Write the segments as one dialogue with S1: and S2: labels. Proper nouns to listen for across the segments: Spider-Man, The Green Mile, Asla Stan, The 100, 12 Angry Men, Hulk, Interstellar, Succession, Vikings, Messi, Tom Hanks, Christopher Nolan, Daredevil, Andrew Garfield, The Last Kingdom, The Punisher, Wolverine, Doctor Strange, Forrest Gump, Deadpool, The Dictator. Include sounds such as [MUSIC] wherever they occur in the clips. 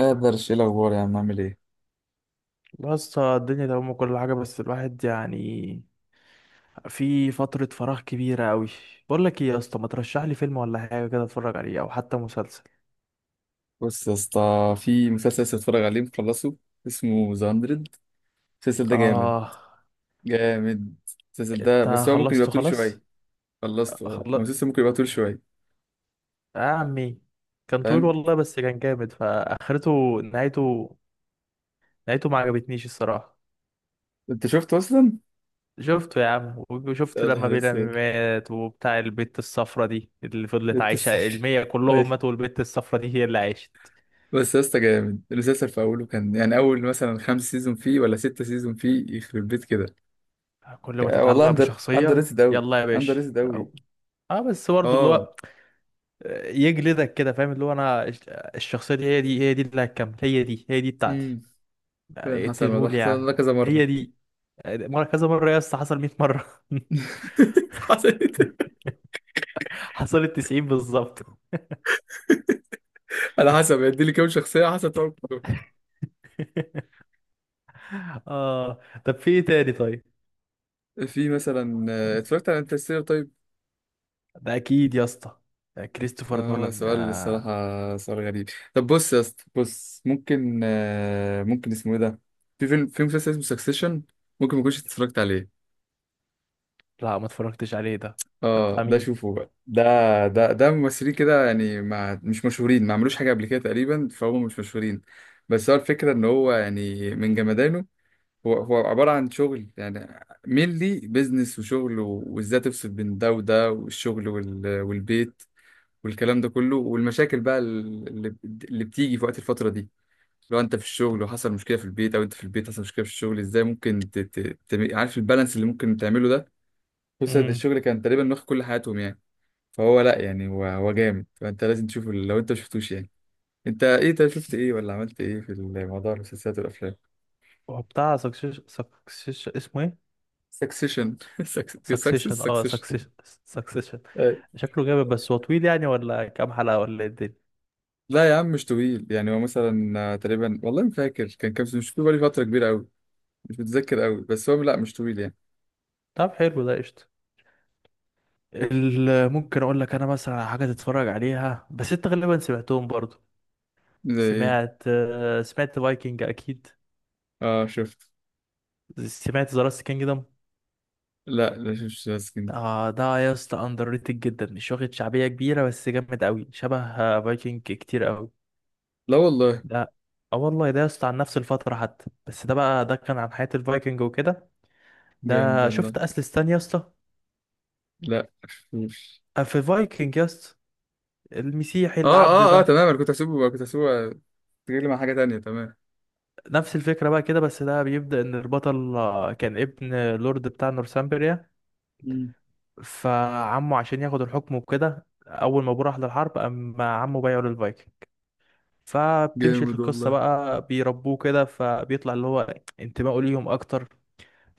S1: ايه الاخبار يا عم، عامل ايه؟
S2: بس الدنيا تمام وكل حاجة، بس الواحد يعني في فترة فراغ كبيرة أوي. بقول لك إيه يا اسطى، ما ترشح لي فيلم ولا حاجة كده أتفرج عليه، أو حتى مسلسل؟
S1: بص يا اسطى، في مسلسل لسه بتفرج عليه مخلصه، اسمه ذا 100. المسلسل ده جامد
S2: آه.
S1: جامد. المسلسل ده
S2: أنت
S1: بس هو ممكن يبقى
S2: خلصته
S1: طول شويه.
S2: خلاص؟
S1: خلصته، اه، هو
S2: خلص
S1: المسلسل ممكن يبقى طول شويه.
S2: يا عمي. كان طويل
S1: فاهم.
S2: والله، بس كان جامد. فآخرته، نهايته، نهايته ما عجبتنيش الصراحة.
S1: انت شفته اصلا؟
S2: شفته يا عم، وشفت
S1: يا
S2: لما
S1: نهار
S2: بيلامي
S1: اسود،
S2: مات وبتاع البت الصفرة دي اللي فضلت
S1: انت
S2: عايشة،
S1: السفر.
S2: المية كلهم
S1: اي.
S2: ماتوا والبت الصفرة دي هي اللي عاشت.
S1: بس يا اسطى جامد المسلسل، في اوله كان يعني اول مثلا خمس سيزون فيه ولا ستة سيزون فيه، يخرب بيت كده.
S2: كل ما
S1: والله
S2: تتعلق
S1: اندر
S2: بشخصية
S1: ريتد اوي،
S2: يلا يا
S1: اندر
S2: باشا
S1: ريتد اوي.
S2: أو... اه، بس برضه اللي
S1: اه.
S2: هو يجلدك كده، فاهم؟ اللي هو انا الشخصية دي، هي دي هي دي اللي هتكمل، هي دي هي دي بتاعتي.
S1: امم فعلا حصل الموضوع،
S2: اقتلهولي يا عم.
S1: حصل ده كذا
S2: هي
S1: مره.
S2: دي. مرة، كذا مرة يا اسطى، حصل 100 مرة.
S1: [LAUGHS] حصلت.
S2: [LAUGHS] حصلت 90 بالظبط. [LAUGHS]
S1: على حسب هيدي لي كام شخصية، على حسب طبعا.
S2: اه. طب في ايه تاني طيب؟
S1: في مثلا اتفرجت على انترستيلر. طيب،
S2: ده اكيد يا اسطى، ده كريستوفر
S1: هو
S2: نولان.
S1: سؤال
S2: آه.
S1: الصراحة سؤال غريب. طب بص يا اسطى، بص ممكن، ممكن اسمه ايه ده؟ في مسلسل اسمه سكسيشن. ممكن ما كنتش اتفرجت عليه.
S2: لا، ما اتفرجتش عليه ده. ده
S1: اه،
S2: بتاع
S1: ده
S2: مين؟
S1: شوفه بقى ده. ده ممثلين كده يعني، ما مش مشهورين، ما عملوش حاجة قبل كده تقريبا، فهم مش مشهورين. بس هو الفكرة ان هو يعني من جمدانه. هو عبارة عن شغل يعني، مينلي بيزنس وشغل، وازاي تفصل بين ده وده، والشغل والبيت والكلام ده كله، والمشاكل بقى اللي بتيجي في وقت الفترة دي. لو انت في الشغل وحصل مشكلة في البيت، او انت في البيت حصل مشكلة في الشغل، ازاي ممكن عارف البالانس اللي ممكن تعمله ده؟ خصوصا إن
S2: امم.
S1: الشغل كان تقريبا واخد كل حياتهم يعني. فهو لا يعني، هو جامد، فانت لازم تشوفه لو انت مشفتوش يعني. انت ايه طيب، شفت ايه ولا عملت ايه في الموضوع، المسلسلات والافلام؟
S2: هو بتاع سكسيش، اسمه ايه؟
S1: سكسيشن.
S2: سكسيشن. اه،
S1: سكسيشن.
S2: سكسيشن. سكسيشن.
S1: [LAUGHS]
S2: شكله جامد، بس هو طويل يعني؟ ولا كام حلقة، ولا ايه الدنيا؟
S1: لا يا عم، مش طويل يعني. هو مثلا تقريبا والله ما فاكر كان كام سنة، مش فاكر، بقالي فترة كبيرة قوي. مش متذكر قوي، بس هو لا مش طويل يعني.
S2: طب حلو، ده قشطة. ممكن اقول لك انا مثلا على حاجة تتفرج عليها، بس انت غالبا سمعتهم برضو.
S1: زي ايه؟
S2: سمعت فايكنج اكيد.
S1: اه شفت.
S2: سمعت ذا لاست كينجدم.
S1: لا، لا شفتش لاسكين.
S2: اه، ده يا اسطى اندر ريتد جدا، مش واخد شعبية كبيرة، بس جامد قوي، شبه فايكنج كتير قوي،
S1: لا والله.
S2: ده. اه والله، ده يا اسطى عن نفس الفترة حتى، بس ده كان عن حياة الفايكنج وكده.
S1: جامد
S2: ده
S1: والله.
S2: شفت اسل ستان يا اسطى؟
S1: لا شفتوش.
S2: في فايكنج يس، المسيحي
S1: اه
S2: العبد
S1: اه اه
S2: ده.
S1: تمام، انا كنت هسيبه تجيلي مع حاجة تانية تمام.
S2: نفس الفكرة بقى كده، بس ده بيبدأ إن البطل كان ابن لورد بتاع نورثامبريا.
S1: مم.
S2: فعمه عشان ياخد الحكم وكده، أول ما أبوه راح للحرب، أما عمه بايعه للفايكنج. فبتمشي
S1: جامد
S2: القصة
S1: والله.
S2: بقى، بيربوه كده، فبيطلع اللي هو انتمائه ليهم أكتر.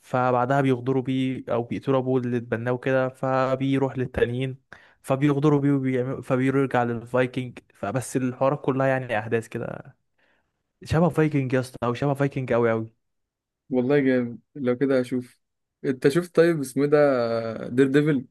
S2: فبعدها بيغدروا بيه، أو بيقتلوا أبوه اللي اتبناه كده، فبيروح للتانيين. فبيغدروا بيه وبيعملوا، فبيرجع للفايكنج. فبس الحوارات كلها يعني أحداث كده شبه فايكنج يا اسطى، او شبه فايكنج قوي قوي.
S1: والله جامد، لو كده هشوف. انت شفت طيب اسمه إيه ده، دير ديفل؟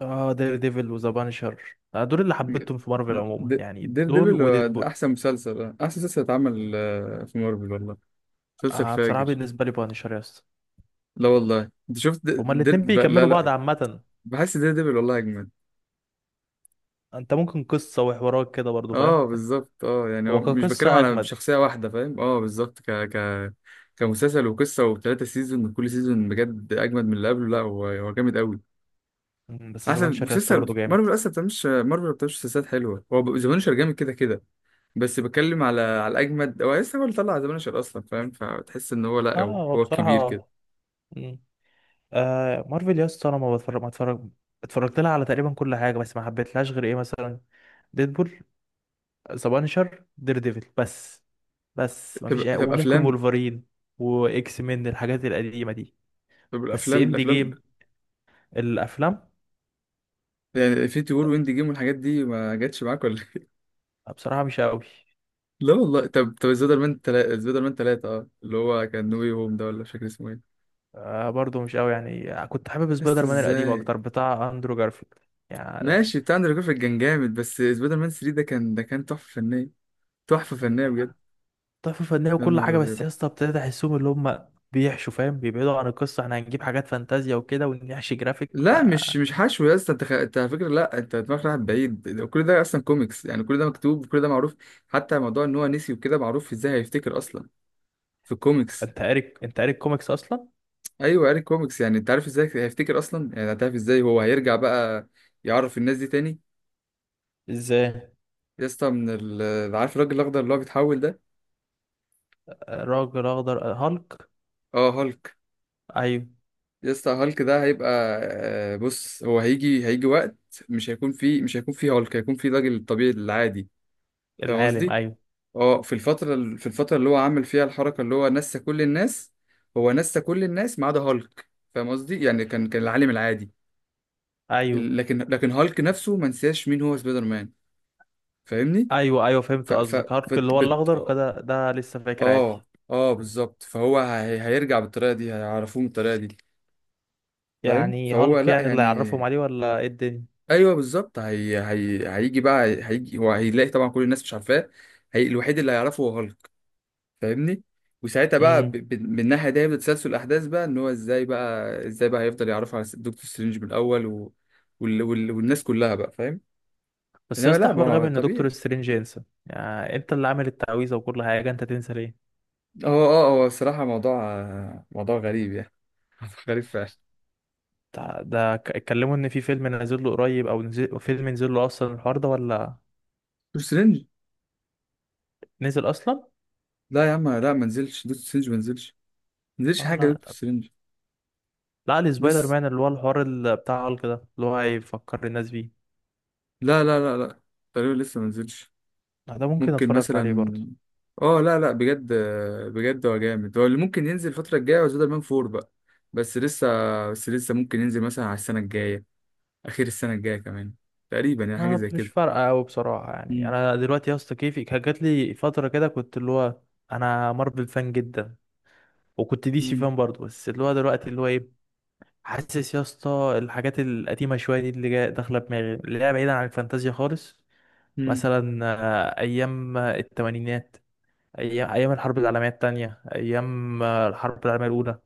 S2: اه، دير ديفل وذا بانشر، دول اللي حبيتهم في مارفل عموما يعني،
S1: دير
S2: دول
S1: ديفل هو ده
S2: وديدبول.
S1: احسن مسلسل، احسن مسلسل اتعمل في مارفل والله، مسلسل
S2: آه، بصراحه
S1: فاجر.
S2: بالنسبه لي بانشر يا اسطى،
S1: لا والله، انت شفت
S2: هما الاتنين
S1: لا
S2: بيكملوا بعض
S1: لا،
S2: عامه.
S1: بحس ده دبل والله اجمد.
S2: انت ممكن قصه وحوارات كده برضو، فاهم؟
S1: اه بالظبط، اه يعني هو
S2: هو
S1: مش بتكلم
S2: كقصه
S1: على
S2: اجمد.
S1: شخصيه واحده، فاهم؟ اه بالظبط، ك ك كمسلسل وقصه وثلاثه سيزون، وكل سيزون بجد اجمد من اللي قبله. لا هو جامد قوي،
S2: بس ذا
S1: احسن
S2: بانشر يا اسطى
S1: مسلسل
S2: برضو جامد.
S1: مارفل اصلا. ما بتعملش مارفل، ما بتعملش مسلسلات حلوه. هو ذا بانشر جامد كده كده. بس بتكلم على الاجمد، هو لسه، هو اللي طلع ذا بانشر اصلا، فاهم؟ فتحس ان هو لا،
S2: اه،
S1: هو
S2: هو
S1: هو الكبير كده.
S2: بصراحه. مم. آه، مارفل يا اسطى انا ما اتفرج. اتفرجت لها على تقريبا كل حاجه، بس ما حبيتلهاش غير ايه، مثلا ديدبول، ذا بانشر، دير ديفل، بس. بس
S1: طب
S2: مفيش أي...
S1: طب
S2: وممكن
S1: افلام.
S2: وولفرين، واكس مين، الحاجات القديمه دي.
S1: طب
S2: بس
S1: الافلام،
S2: اند جيم. الافلام
S1: يعني انفينيتي وور واند جيم والحاجات دي ما جاتش معاك ولا إيه؟
S2: بصراحه مش قوي.
S1: [LAUGHS] لا والله. طب طب سبايدر مان تلاتة، سبايدر مان تلاتة، اه، اللي هو كان نو واي هوم ده، ولا مش فاكر اسمه ايه.
S2: برضو مش قوي يعني، كنت حابب
S1: لسه
S2: سبايدر مان القديم
S1: ازاي.
S2: اكتر، بتاع اندرو جارفيلد. يعني
S1: ماشي، بتاع اندرو جارفيلد كان جامد، بس سبايدر مان 3 ده كان، تحفة فنية. تحفة فنية بجد.
S2: تحفه فنيه
S1: يا
S2: وكل
S1: نهار
S2: حاجه،
S1: ابيض.
S2: بس يا اسطى ابتديت احسهم اللي هم بيحشوا، فاهم؟ بيبعدوا عن القصه، احنا هنجيب حاجات فانتازيا وكده ونحشي جرافيك ف...
S1: لا مش حشو يا اسطى، انت انت على فكره، لا انت دماغك رايحه بعيد. كل ده اصلا كوميكس يعني، كل ده مكتوب وكل ده معروف. حتى موضوع ان هو نسي وكده معروف ازاي هيفتكر اصلا، في الكوميكس.
S2: انت قاري الكوميكس اصلا؟
S1: ايوه قاري كوميكس. يعني انت عارف ازاي هيفتكر اصلا، يعني هتعرف ازاي هو هيرجع بقى، يعرف الناس دي تاني.
S2: ازاي؟
S1: يا اسطى، من عارف الراجل الاخضر اللي هو بيتحول ده؟
S2: راجل اخضر، هالك؟
S1: اه هالك.
S2: ايوه.
S1: يا اسطى هالك ده هيبقى، بص هو هيجي وقت، مش هيكون فيه هالك، هيكون فيه الراجل الطبيعي العادي. فاهم
S2: العالم،
S1: قصدي؟
S2: ايوه
S1: اه، في الفتره في الفتره اللي هو عامل فيها الحركه اللي هو نسى كل الناس، هو نسى كل الناس ما عدا هالك. فاهم قصدي؟ يعني كان العالم العادي.
S2: ايوه.
S1: لكن هالك نفسه ما نساش مين هو سبايدر مان. فاهمني؟
S2: ايوه، ايوه،
S1: ف
S2: فهمت
S1: ف
S2: قصدك. هالك اللي
S1: فت
S2: هو
S1: بت
S2: الاخضر كده، ده لسه فاكر عادي.
S1: اه. اه بالظبط، فهو هيرجع بالطريقه دي، هيعرفوه بالطريقه دي. فاهم.
S2: يعني
S1: فهو
S2: هالك
S1: لا
S2: يعني اللي
S1: يعني،
S2: يعرفهم عليه، ولا ايه الدنيا؟
S1: ايوه بالظبط. هيجي هو هيلاقي طبعا كل الناس مش عارفاه. الوحيد اللي هيعرفه هو هالك. فاهمني؟ وساعتها بقى،
S2: امم.
S1: من الناحيه دي هيبدا تسلسل الاحداث بقى، ان هو ازاي بقى هيفضل يعرفه على دكتور سترينج من الاول والناس كلها بقى، فاهم؟
S2: بس يا
S1: انما
S2: اسطى
S1: لا، ما
S2: حوار
S1: هو
S2: غبي ان دكتور
S1: طبيعي.
S2: سترينج ينسى، يعني انت اللي عامل التعويذه وكل حاجه، انت تنسى ليه؟
S1: هو، هو الصراحه موضوع، موضوع غريب يعني. [LAUGHS] موضوع غريب فعلا.
S2: اتكلموا ان في فيلم نازل له قريب، او نزل فيلم، نزل له اصلا الحوار ده، ولا
S1: دكتور سترينج.
S2: نزل اصلا؟
S1: لا يا عم، لا ما نزلش دكتور سترينج، ما نزلش. ما نزلش
S2: اه،
S1: حاجه
S2: لا
S1: دكتور
S2: طب.
S1: سترينج.
S2: لا، السبايدر
S1: لسه.
S2: مان اللي هو الحوار بتاع هالك ده، اللي هو هيفكر الناس بيه.
S1: لا لا لا لا، تقريبا لسه ما نزلش.
S2: لا، ده ممكن
S1: ممكن
S2: اتفرج عليه برضه.
S1: مثلا. اه لا لا بجد، بجد هو جامد، هو اللي ممكن ينزل الفتره الجايه، هو سبايدر مان 4 بقى. بس لسه، بس لسه ممكن ينزل مثلا على السنه الجايه، اخير السنه الجايه كمان، تقريبا يعني، حاجه
S2: اه،
S1: زي
S2: مش
S1: كده.
S2: فارقه قوي بصراحه، يعني
S1: مم.
S2: انا دلوقتي يا اسطى كيفي كان جات لي فتره كده، كنت اللي هو انا مارفل فان جدا، وكنت دي سي
S1: مم.
S2: فان برضه، بس اللي هو دلوقتي اللي هو ايه، حاسس يا اسطى، الحاجات القديمه شويه دي اللي جايه داخله دماغي، اللي هي بعيدا عن الفانتازيا خالص.
S1: مم.
S2: مثلا ايام الثمانينات، ايام، الحرب العالميه الثانيه، ايام الحرب العالميه الاولى،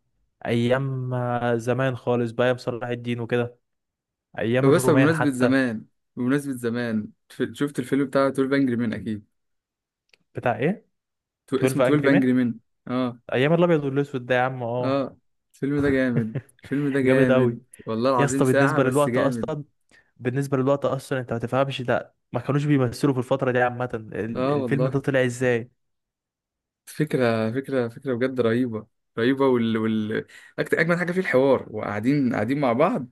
S2: ايام زمان خالص بقى، ايام صلاح الدين وكده، ايام
S1: فبس
S2: الرومان
S1: بمناسبه
S2: حتى.
S1: زمان، شفت الفيلم بتاع 12 انجري مان اكيد.
S2: بتاع ايه،
S1: اسمه
S2: 12 انجري.
S1: 12 انجري مان. اه.
S2: ايام الابيض والاسود ده يا عم. اه.
S1: اه الفيلم ده جامد،
S2: [LAUGHS]
S1: الفيلم ده
S2: جامد اوي.
S1: جامد. والله
S2: يا
S1: العظيم
S2: اسطى
S1: ساعة
S2: بالنسبه
S1: بس
S2: للوقت
S1: جامد.
S2: اصلا، انت ما تفهمش ده، ما كانوش بيمثلوا في الفتره دي عامه،
S1: اه
S2: الفيلم
S1: والله،
S2: ده طلع ازاي؟
S1: فكرة فكرة فكرة بجد رهيبة. رهيبة، وال وال أجمد حاجة فيه الحوار، وقاعدين قاعدين مع بعض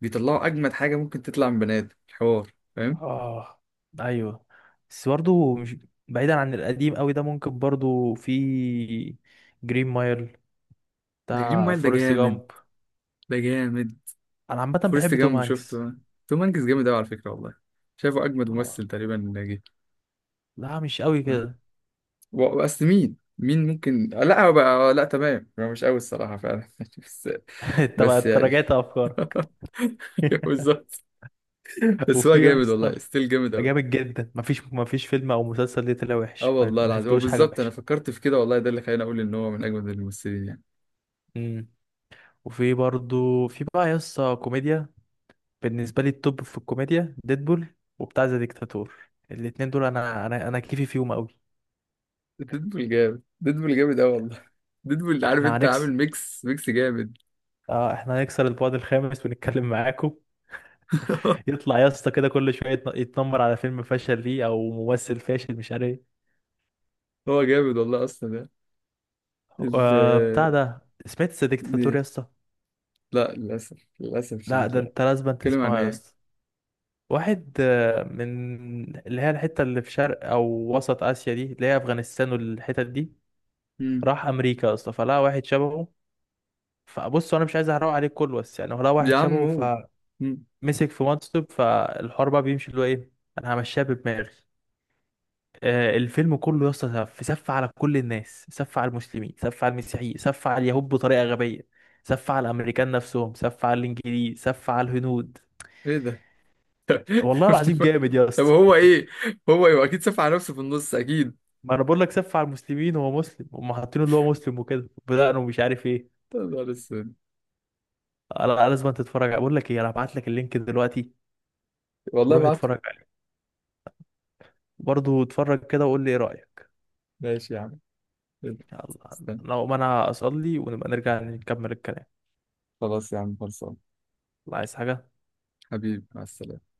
S1: بيطلعوا أجمد حاجة ممكن تطلع من بني آدم، الحوار. فاهم.
S2: اه، ايوه. بس برضه مش بعيدا عن القديم قوي ده، ممكن برضه في جرين مايل،
S1: ذا جرين
S2: بتاع
S1: مايل ده
S2: فورست
S1: جامد.
S2: جامب.
S1: ده جامد.
S2: انا عامه
S1: فورست
S2: بحب توم
S1: جامب
S2: هانكس.
S1: شفته. توم هانكس جامد أوي على فكرة والله. شايفه أجمد
S2: اه،
S1: ممثل تقريبا جه.
S2: لا مش قوي
S1: فاهم؟
S2: كده. [LAUGHS]
S1: وأصل مين ممكن، لا هو بقى لا تمام، هو مش قوي الصراحة فعلا [LAUGHS] بس، بس
S2: انت
S1: يعني
S2: راجعت افكارك؟
S1: [LAUGHS]
S2: [LAUGHS]
S1: بالظبط. بس هو
S2: وفي يا
S1: جامد
S2: اسطى
S1: والله، ستيل جامد قوي.
S2: جامد جدا، مفيش فيلم او مسلسل ليه طلع
S1: اه
S2: وحش،
S1: والله
S2: ما
S1: العظيم، هو
S2: شفتلوش حاجه
S1: بالظبط انا
S2: وحشه.
S1: فكرت في كده والله، ده اللي خلاني اقول ان هو من اجمد الممثلين يعني.
S2: امم. وفي برضو في بقى يسطا كوميديا. بالنسبه لي التوب في الكوميديا ديدبول، وبتاع ذا ديكتاتور، الاتنين دول، انا كيفي فيهم قوي.
S1: ديدبول جامد، ديدبول جامد قوي والله. ديدبول، عارف
S2: احنا
S1: انت عامل
S2: هنكسر.
S1: ميكس ميكس جامد.
S2: اه، احنا هنكسر البعد الخامس ونتكلم معاكم.
S1: [LAUGHS]
S2: يطلع يسطا كده كل شويه، يتنمر على فيلم فشل ليه، او ممثل فاشل مش عارف ايه.
S1: هو جامد والله اصلا يعني. ال
S2: بتاع ده، سمعت ذا
S1: دي،
S2: ديكتاتور يسطا؟
S1: لا للاسف، للاسف
S2: لا،
S1: الشديد
S2: ده
S1: لا.
S2: انت لازم
S1: اتكلم عن
S2: تسمعه يا
S1: ايه؟
S2: اسطى. واحد من اللي هي الحتة اللي في شرق أو وسط آسيا دي، اللي هي أفغانستان والحتت دي،
S1: مم.
S2: راح أمريكا أصلا، فلقى واحد شبهه. فبص، أنا مش عايز أحرق عليك كله، بس يعني هو لقى
S1: يا
S2: واحد
S1: عم
S2: شبهه،
S1: قول.
S2: فمسك
S1: مم.
S2: في منصب، فالحوار بقى بيمشي اللي هو إيه، أنا همشيها بدماغي. الفيلم كله يا اسطى سف، سف على كل الناس، سف على المسلمين، سف على المسيحيين، سف على اليهود، بطريقة غبية، سف على الأمريكان نفسهم، سف على الإنجليز، سف على الهنود.
S1: ايه ده؟
S2: والله العظيم
S1: [LAUGHS]
S2: جامد يا
S1: طب
S2: اسطى.
S1: هو ايه؟ هو ايه؟ اكيد سف على نفسه في النص اكيد.
S2: ما انا بقول لك، سف على المسلمين، هو مسلم، هم حاطينه اللي هو مسلم وكده، بدأنا، ومش عارف ايه.
S1: يا نهار اسود.
S2: أنا لازم تتفرج عليه. بقول لك ايه، انا هبعت لك اللينك دلوقتي،
S1: والله
S2: وروح
S1: بعته.
S2: اتفرج عليه برضه، اتفرج كده وقول لي ايه رأيك.
S1: ماشي يا عم.
S2: يلا،
S1: استنى.
S2: لو ما انا اصلي، ونبقى نرجع نكمل الكلام.
S1: خلاص يا عم، خلصان.
S2: الله، عايز حاجة؟
S1: حبيبي، مع السلامة.